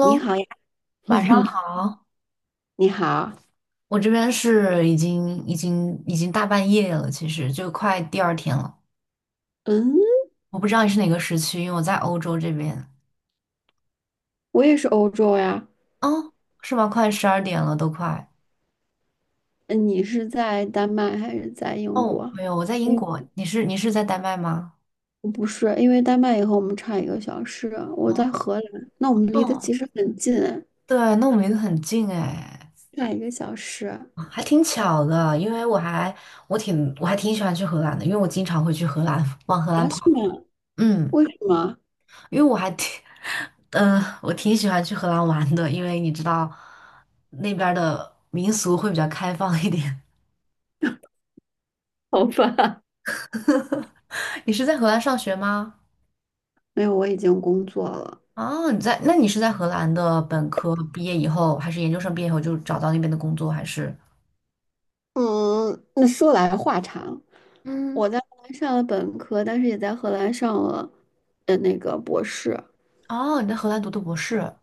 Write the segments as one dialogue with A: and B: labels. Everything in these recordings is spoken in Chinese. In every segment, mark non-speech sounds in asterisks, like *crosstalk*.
A: 你 好呀，*laughs*
B: 晚上好。
A: 你好，
B: 我这边是已经大半夜了，其实就快第二天了。
A: 嗯，
B: 我不知道你是哪个时区，因为我在欧洲这边。
A: 我也是欧洲呀。
B: 哦，是吗？快十二点了，都快。
A: 嗯，你是在丹麦还是在英
B: 哦，
A: 国？
B: 没有，我在
A: 哎，
B: 英国。你是在丹麦吗？
A: 不是，因为丹麦也和我们差一个小时，我在荷兰，那我们离得
B: 哦，
A: 其实很近，
B: 对，那我们离得很近哎，
A: 差一个小时。
B: 还挺巧的。因为我还挺喜欢去荷兰的，因为我经常会去荷兰，往荷兰
A: 啊？
B: 跑。
A: 是吗？
B: 嗯，
A: 为什么？
B: 因为我还挺 *laughs* 我挺喜欢去荷兰玩的，因为你知道那边儿的民俗会比较开放一点。
A: 好吧，
B: *laughs* 你是在荷兰上学吗？
A: 没有，我已经工作了。
B: 哦，那你是在荷兰的本科毕业以后，还是研究生毕业以后就找到那边的工作，还是？
A: 嗯，那说来话长，
B: 嗯，
A: 我在荷兰上了本科，但是也在荷兰上了的那个博士。
B: 哦，你在荷兰读的博士。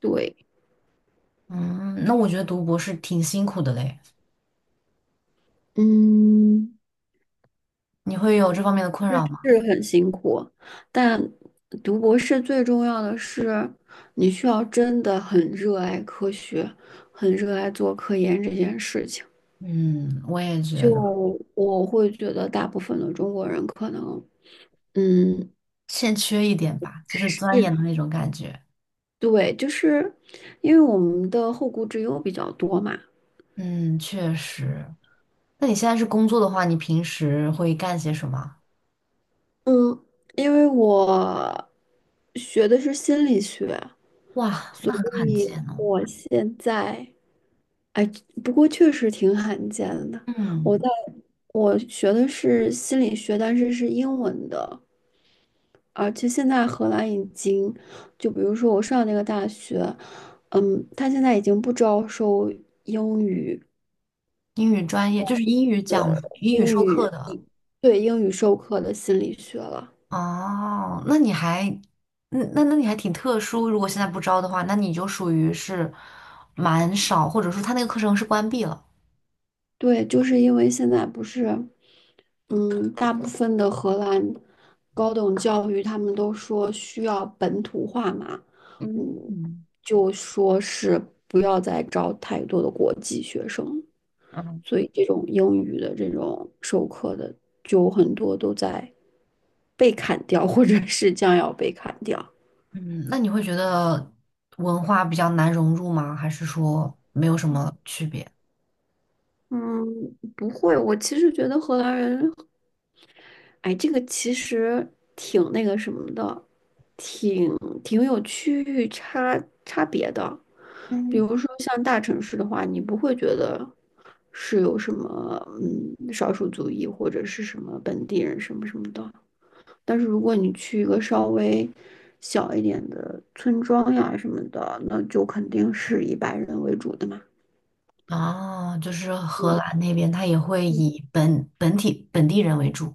A: 对。
B: 嗯，那我觉得读博士挺辛苦的嘞。
A: 嗯。
B: 你会有这方面的困扰吗？
A: 是很辛苦，但读博士最重要的是，你需要真的很热爱科学，很热爱做科研这件事情。
B: 嗯，我也觉得
A: 就我会觉得，大部分的中国人可能，嗯，
B: 欠缺一点吧，就是钻研
A: 是，
B: 的那种感觉。
A: 对，就是因为我们的后顾之忧比较多嘛。
B: 嗯，确实。那你现在是工作的话，你平时会干些什么？
A: 嗯，因为我学的是心理学，
B: 哇，那
A: 所
B: 很罕
A: 以
B: 见哦。
A: 我现在。不过确实挺罕见的。我
B: 嗯，
A: 在我学的是心理学，但是是英文的，而且现在荷兰已经，就比如说我上那个大学，他现在已经不招收英语
B: 英语专业就是英语
A: 的
B: 讲英语
A: 英
B: 授课
A: 语，
B: 的。
A: 对，英语授课的心理学了。
B: 哦，那你还，那你还挺特殊。如果现在不招的话，那你就属于是蛮少，或者说他那个课程是关闭了。
A: 对，就是因为现在不是，嗯，大部分的荷兰高等教育他们都说需要本土化嘛，嗯，
B: 嗯
A: 就说是不要再招太多的国际学生，
B: 嗯
A: 所以这种英语的这种授课的就很多都在被砍掉，或者是将要被砍掉。
B: 嗯，那你会觉得文化比较难融入吗？还是说没有什么区别？
A: 嗯，不会，我其实觉得荷兰人哎，这个其实挺那个什么的，挺挺有区域差别的。比
B: 嗯。
A: 如说像大城市的话，你不会觉得是有什么少数族裔或者是什么本地人什么什么的。但是如果你去一个稍微小一点的村庄呀什么的，那就肯定是以白人为主的嘛。
B: 哦，就是荷
A: 嗯
B: 兰那边，它也会以本地人为主，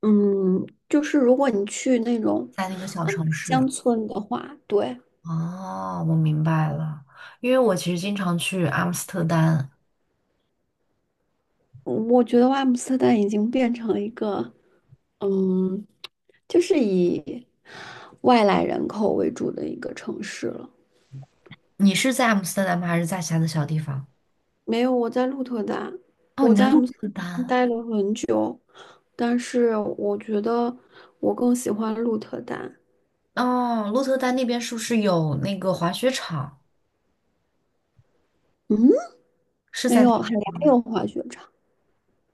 A: 嗯，就是如果你去那种
B: 在那个小
A: 嗯
B: 城市。
A: 乡村的话，对。
B: 哦，我明白了，因为我其实经常去阿姆斯特丹。
A: 我觉得阿姆斯特丹已经变成了一个，嗯，就是以外来人口为主的一个城市了。
B: 你是在阿姆斯特丹吗？还是在其他的小地方？
A: 没有，我在鹿特丹，
B: 哦，
A: 我
B: 你在
A: 在阿
B: 鹿
A: 姆斯特
B: 特
A: 丹
B: 丹。
A: 待了很久，但是我觉得我更喜欢鹿特丹。
B: 哦，鹿特丹那边是不是有那个滑雪场？
A: 嗯，
B: 是
A: 没
B: 在那
A: 有，
B: 边
A: 还牙
B: 吗？
A: 有滑雪场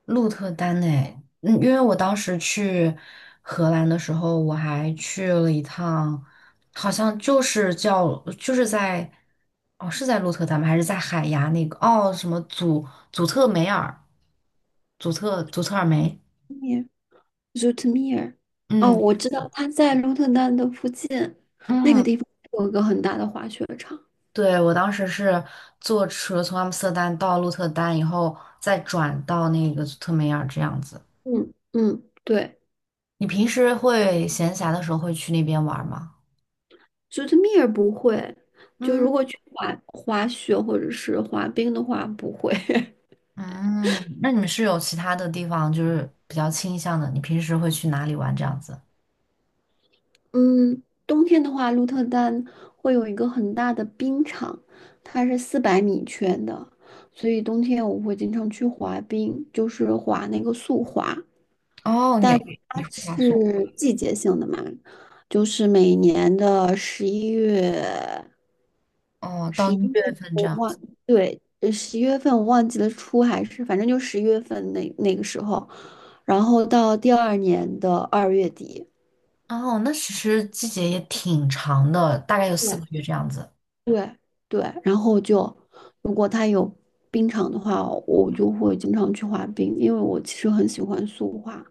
B: 鹿特丹诶，嗯，因为我当时去荷兰的时候，我还去了一趟，好像就是叫就是在哦是在鹿特丹吗？还是在海牙那个哦什么祖祖特梅尔祖特祖特尔梅？
A: ，Zoetermeer。哦，
B: 嗯
A: 我知道，它在鹿特丹的附近，那个
B: 嗯，
A: 地方有一个很大的滑雪场。
B: 对，我当时是坐车从阿姆斯特丹到鹿特丹以后，再转到那个祖特梅尔这样子。
A: 嗯嗯，对。
B: 你平时会闲暇的时候会去那边玩吗？
A: 九特米儿不会，就
B: 嗯。
A: 如果去滑雪或者是滑冰的话，不会。*laughs*
B: 嗯，那你们是有其他的地方就是比较倾向的？你平时会去哪里玩这样子？
A: 嗯，冬天的话，鹿特丹会有一个很大的冰场，它是400米圈的，所以冬天我会经常去滑冰，就是滑那个速滑。
B: 哦，
A: 但
B: 你你
A: 它
B: 会滑速
A: 是季节性的嘛，就是每年的十一月，
B: 哦，到
A: 十
B: 一
A: 一月
B: 月份这
A: 我
B: 样
A: 忘，
B: 子。
A: 对，十一月份我忘记了初，还是反正就十一月份那个时候，然后到第二年的2月底，
B: 哦，那其实季节也挺长的，大概有四个
A: 对
B: 月这样子。
A: 对对，然后就如果它有冰场的话，我就会经常去滑冰，因为我其实很喜欢速滑，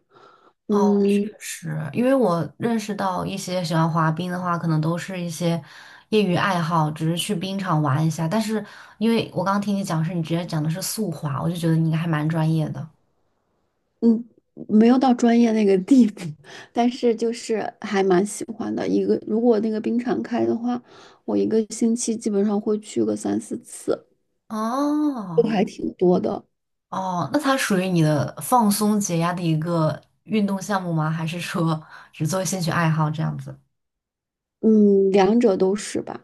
B: 哦，
A: 嗯。
B: 确实，因为我认识到一些喜欢滑冰的话，可能都是一些业余爱好，只是去冰场玩一下。但是因为我刚刚听你讲是你直接讲的是速滑，我就觉得你应该还蛮专业的。
A: 嗯，没有到专业那个地步，但是就是还蛮喜欢的。一个如果那个冰场开的话，我一个星期基本上会去个三四次，都
B: 哦。
A: 还挺多的。
B: 哦，那它属于你的放松解压的一个运动项目吗？还是说只作为兴趣爱好这样子？
A: 嗯，两者都是吧。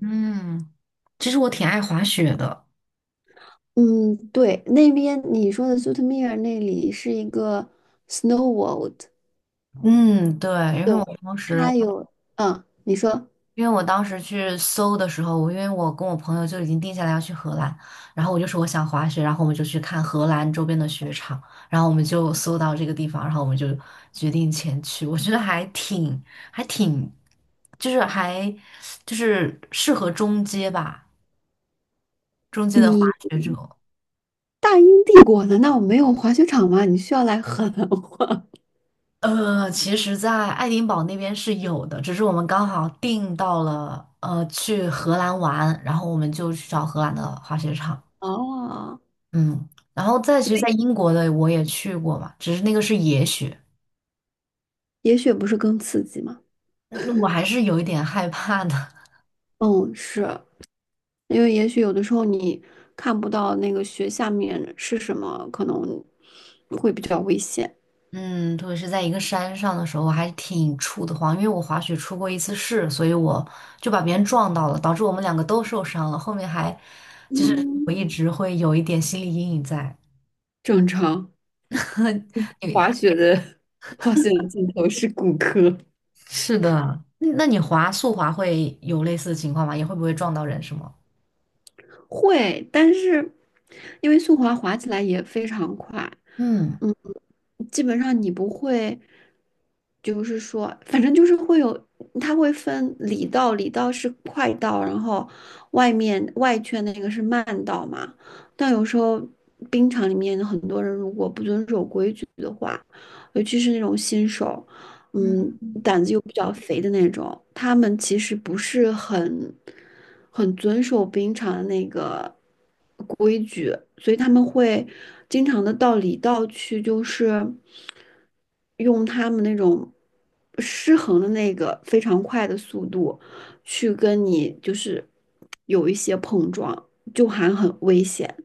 B: 嗯，其实我挺爱滑雪的。
A: 嗯，对，那边你说的 s u 苏特米尔那里是一个 snow world，
B: 嗯，对，因
A: 对，
B: 为我当时，
A: 它有，你说
B: 因为我当时去搜的时候，我因为我跟我朋友就已经定下来要去荷兰，然后我就说我想滑雪，然后我们就去看荷兰周边的雪场，然后我们就搜到这个地方，然后我们就决定前去。我觉得还挺，还挺，就是还就是适合中阶吧。中间的滑
A: 你
B: 雪者。
A: 大英帝国难道没有滑雪场吗？你需要来 *laughs* 荷兰滑？
B: 其实，在爱丁堡那边是有的，只是我们刚好订到了，去荷兰玩，然后我们就去找荷兰的滑雪场。
A: *laughs* 哦，
B: 嗯，然后再其实，在英国的我也去过嘛，只是那个是野雪，
A: 也许不是更刺激吗？
B: 嗯我还是有一点害怕的。*laughs*
A: 嗯，是，因为也许有的时候你看不到那个雪下面是什么，可能会比较危险。
B: 嗯，特别是在一个山上的时候，我还挺怵得慌，因为我滑雪出过一次事，所以我就把别人撞到了，导致我们两个都受伤了。后面还我
A: 嗯，
B: 一直会有一点心理阴影在。
A: 正常。
B: *laughs* 你
A: 滑雪的 *laughs* 滑雪的尽头是骨科。
B: 是的，那你滑速滑会有类似的情况吗？也会不会撞到人是吗？
A: 会，但是因为速滑滑起来也非常快，
B: 嗯，
A: 基本上你不会，就是说，反正就是会有，它会分里道，里道是快道，然后外面外圈的那个是慢道嘛。但有时候冰场里面很多人如果不遵守规矩的话，尤其是那种新手，
B: 嗯，
A: 胆子又比较肥的那种，他们其实不是很遵守冰场的那个规矩，所以他们会经常的到里道去，就是用他们那种失衡的那个非常快的速度去跟你就是有一些碰撞，就还很危险，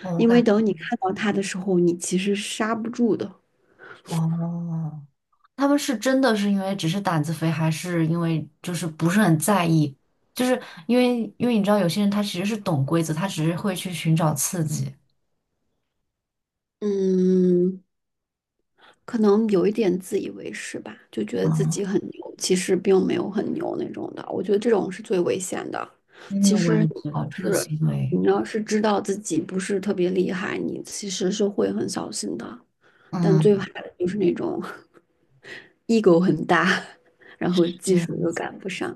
B: 哦我
A: 因为
B: 感
A: 等你看到他的时候，你其实刹不住的。
B: 哦，他们是真的是因为只是胆子肥，还是因为就是不是很在意？就是因为你知道有些人他其实是懂规则，他只是会去寻找刺激。
A: 嗯，可能有一点自以为是吧，就觉得自
B: 啊，
A: 己很牛，其实并没有很牛那种的。我觉得这种是最危险的。
B: 嗯，
A: 其
B: 我
A: 实
B: 也
A: 你
B: 觉得
A: 要
B: 这个
A: 是
B: 行为，
A: 你要是知道自己不是特别厉害，你其实是会很小心的。但最
B: 嗯，
A: 怕的就是那种 *laughs* ego 很大，然
B: 是
A: 后技
B: 这
A: 术
B: 样
A: 又
B: 子，
A: 赶不上，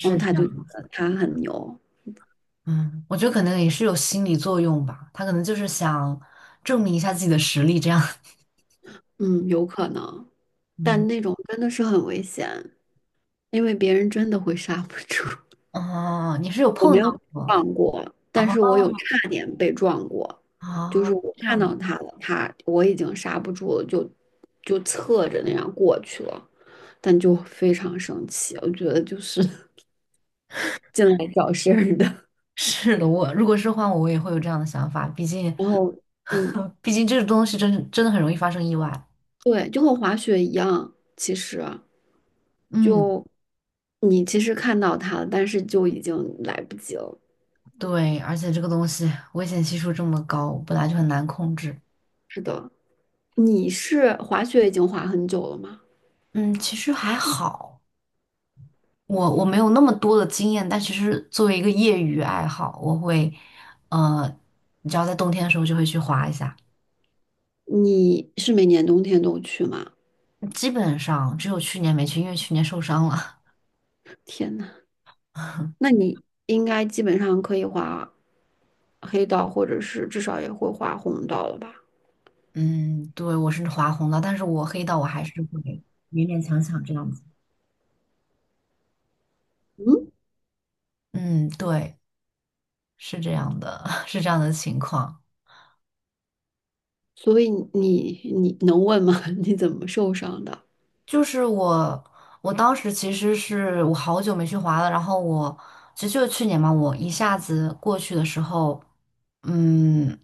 A: 然后
B: 这
A: 他就觉
B: 样
A: 得
B: 子，
A: 他很牛。
B: 嗯，我觉得可能也是有心理作用吧，他可能就是想证明一下自己的实力，这样，
A: 嗯，有可能，
B: *laughs*
A: 但
B: 嗯。
A: 那种真的是很危险，因为别人真的会 *laughs* 刹不住。
B: 哦，你是有
A: 我
B: 碰
A: 没有被
B: 到过
A: 撞过，但
B: 哦
A: 是我有差点被撞过，就是
B: 哦，
A: 我
B: 这
A: 看
B: 样的，
A: 到他了，他我已经刹不住了，就侧着那样过去了，但就非常生气，我觉得就是 *laughs* 进来找事儿的。
B: 是的，我如果是换我，我也会有这样的想法，毕竟，
A: 然后，嗯，
B: *laughs* 毕竟这个东西真的很容易发生意外。
A: 对，就和滑雪一样，其实
B: 嗯，
A: 就你其实看到他了，但是就已经来不及了。
B: 对，而且这个东西危险系数这么高，本来就很难控制。
A: 是的，你是滑雪已经滑很久了吗？
B: 嗯，其实还好，我没有那么多的经验，但其实作为一个业余爱好，我会，呃，你知道在冬天的时候就会去滑一下，
A: 你是每年冬天都去吗？
B: 基本上只有去年没去，因为去年受伤了。
A: 天呐！
B: *laughs*
A: 那你应该基本上可以画黑道，或者是至少也会画红道了吧？
B: 嗯，对，我是划红的，但是我黑到我还是会勉勉强强这样子。嗯，对，是这样的，*laughs* 是这样的情况。
A: 所以你能问吗？*laughs* 你怎么受伤的？
B: 就是我当时其实是我好久没去滑了，然后我其实就是去年嘛，我一下子过去的时候，嗯，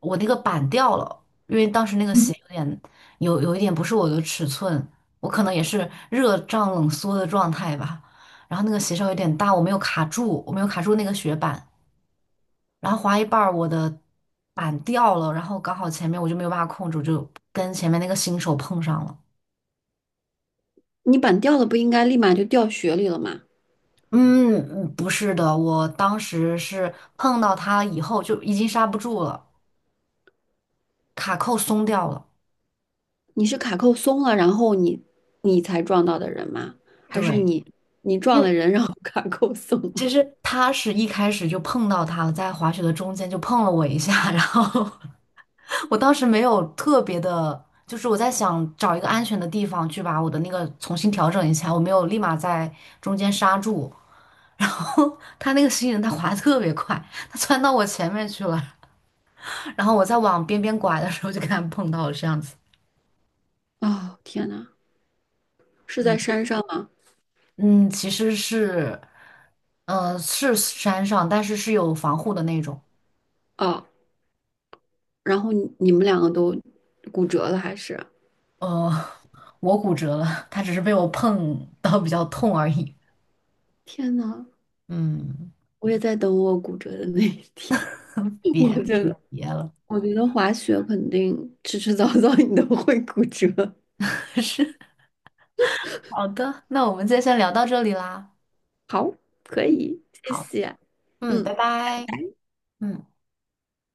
B: 我那个板掉了，因为当时那个鞋有一点不是我的尺寸，我可能也是热胀冷缩的状态吧，然后那个鞋稍有点大，我没有卡住，我没有卡住那个雪板，然后滑一半儿我的板掉了，然后刚好前面我就没有办法控制，我就跟前面那个新手碰上了。
A: 你板掉了不应该立马就掉雪里了吗？
B: 嗯，不是的，我当时是碰到他以后就已经刹不住了，卡扣松掉了。
A: 你是卡扣松了，然后你才撞到的人吗？还是
B: 对，
A: 你
B: 因
A: 撞
B: 为
A: 了人，然后卡扣松了？
B: 其实他是一开始就碰到他了，在滑雪的中间就碰了我一下，*laughs* 然后我当时没有特别的，就是我在想找一个安全的地方去把我的那个重新调整一下，我没有立马在中间刹住，然后他那个新人他滑得特别快，他窜到我前面去了，然后我在往边边拐的时候就跟他碰到了这样子。
A: 哦，天呐，是在
B: 嗯。
A: 山上吗？
B: 嗯，其实是山上，但是是有防护的那种。
A: 哦，然后你们两个都骨折了，还是？
B: 呃，*laughs* 我骨折了，它只是被我碰到比较痛而已。
A: 天呐，
B: 嗯，
A: 我也在等我骨折的那一天。*laughs*
B: 别
A: 我
B: 还
A: 真
B: 是
A: 的，
B: 别，
A: 我觉得滑雪肯定迟迟 *laughs* 早早你都会骨折。
B: *laughs* 是好的。那我们今天先聊到这里啦。
A: 好，可以，谢
B: 好，
A: 谢。
B: 嗯，拜
A: 嗯。
B: 拜。嗯。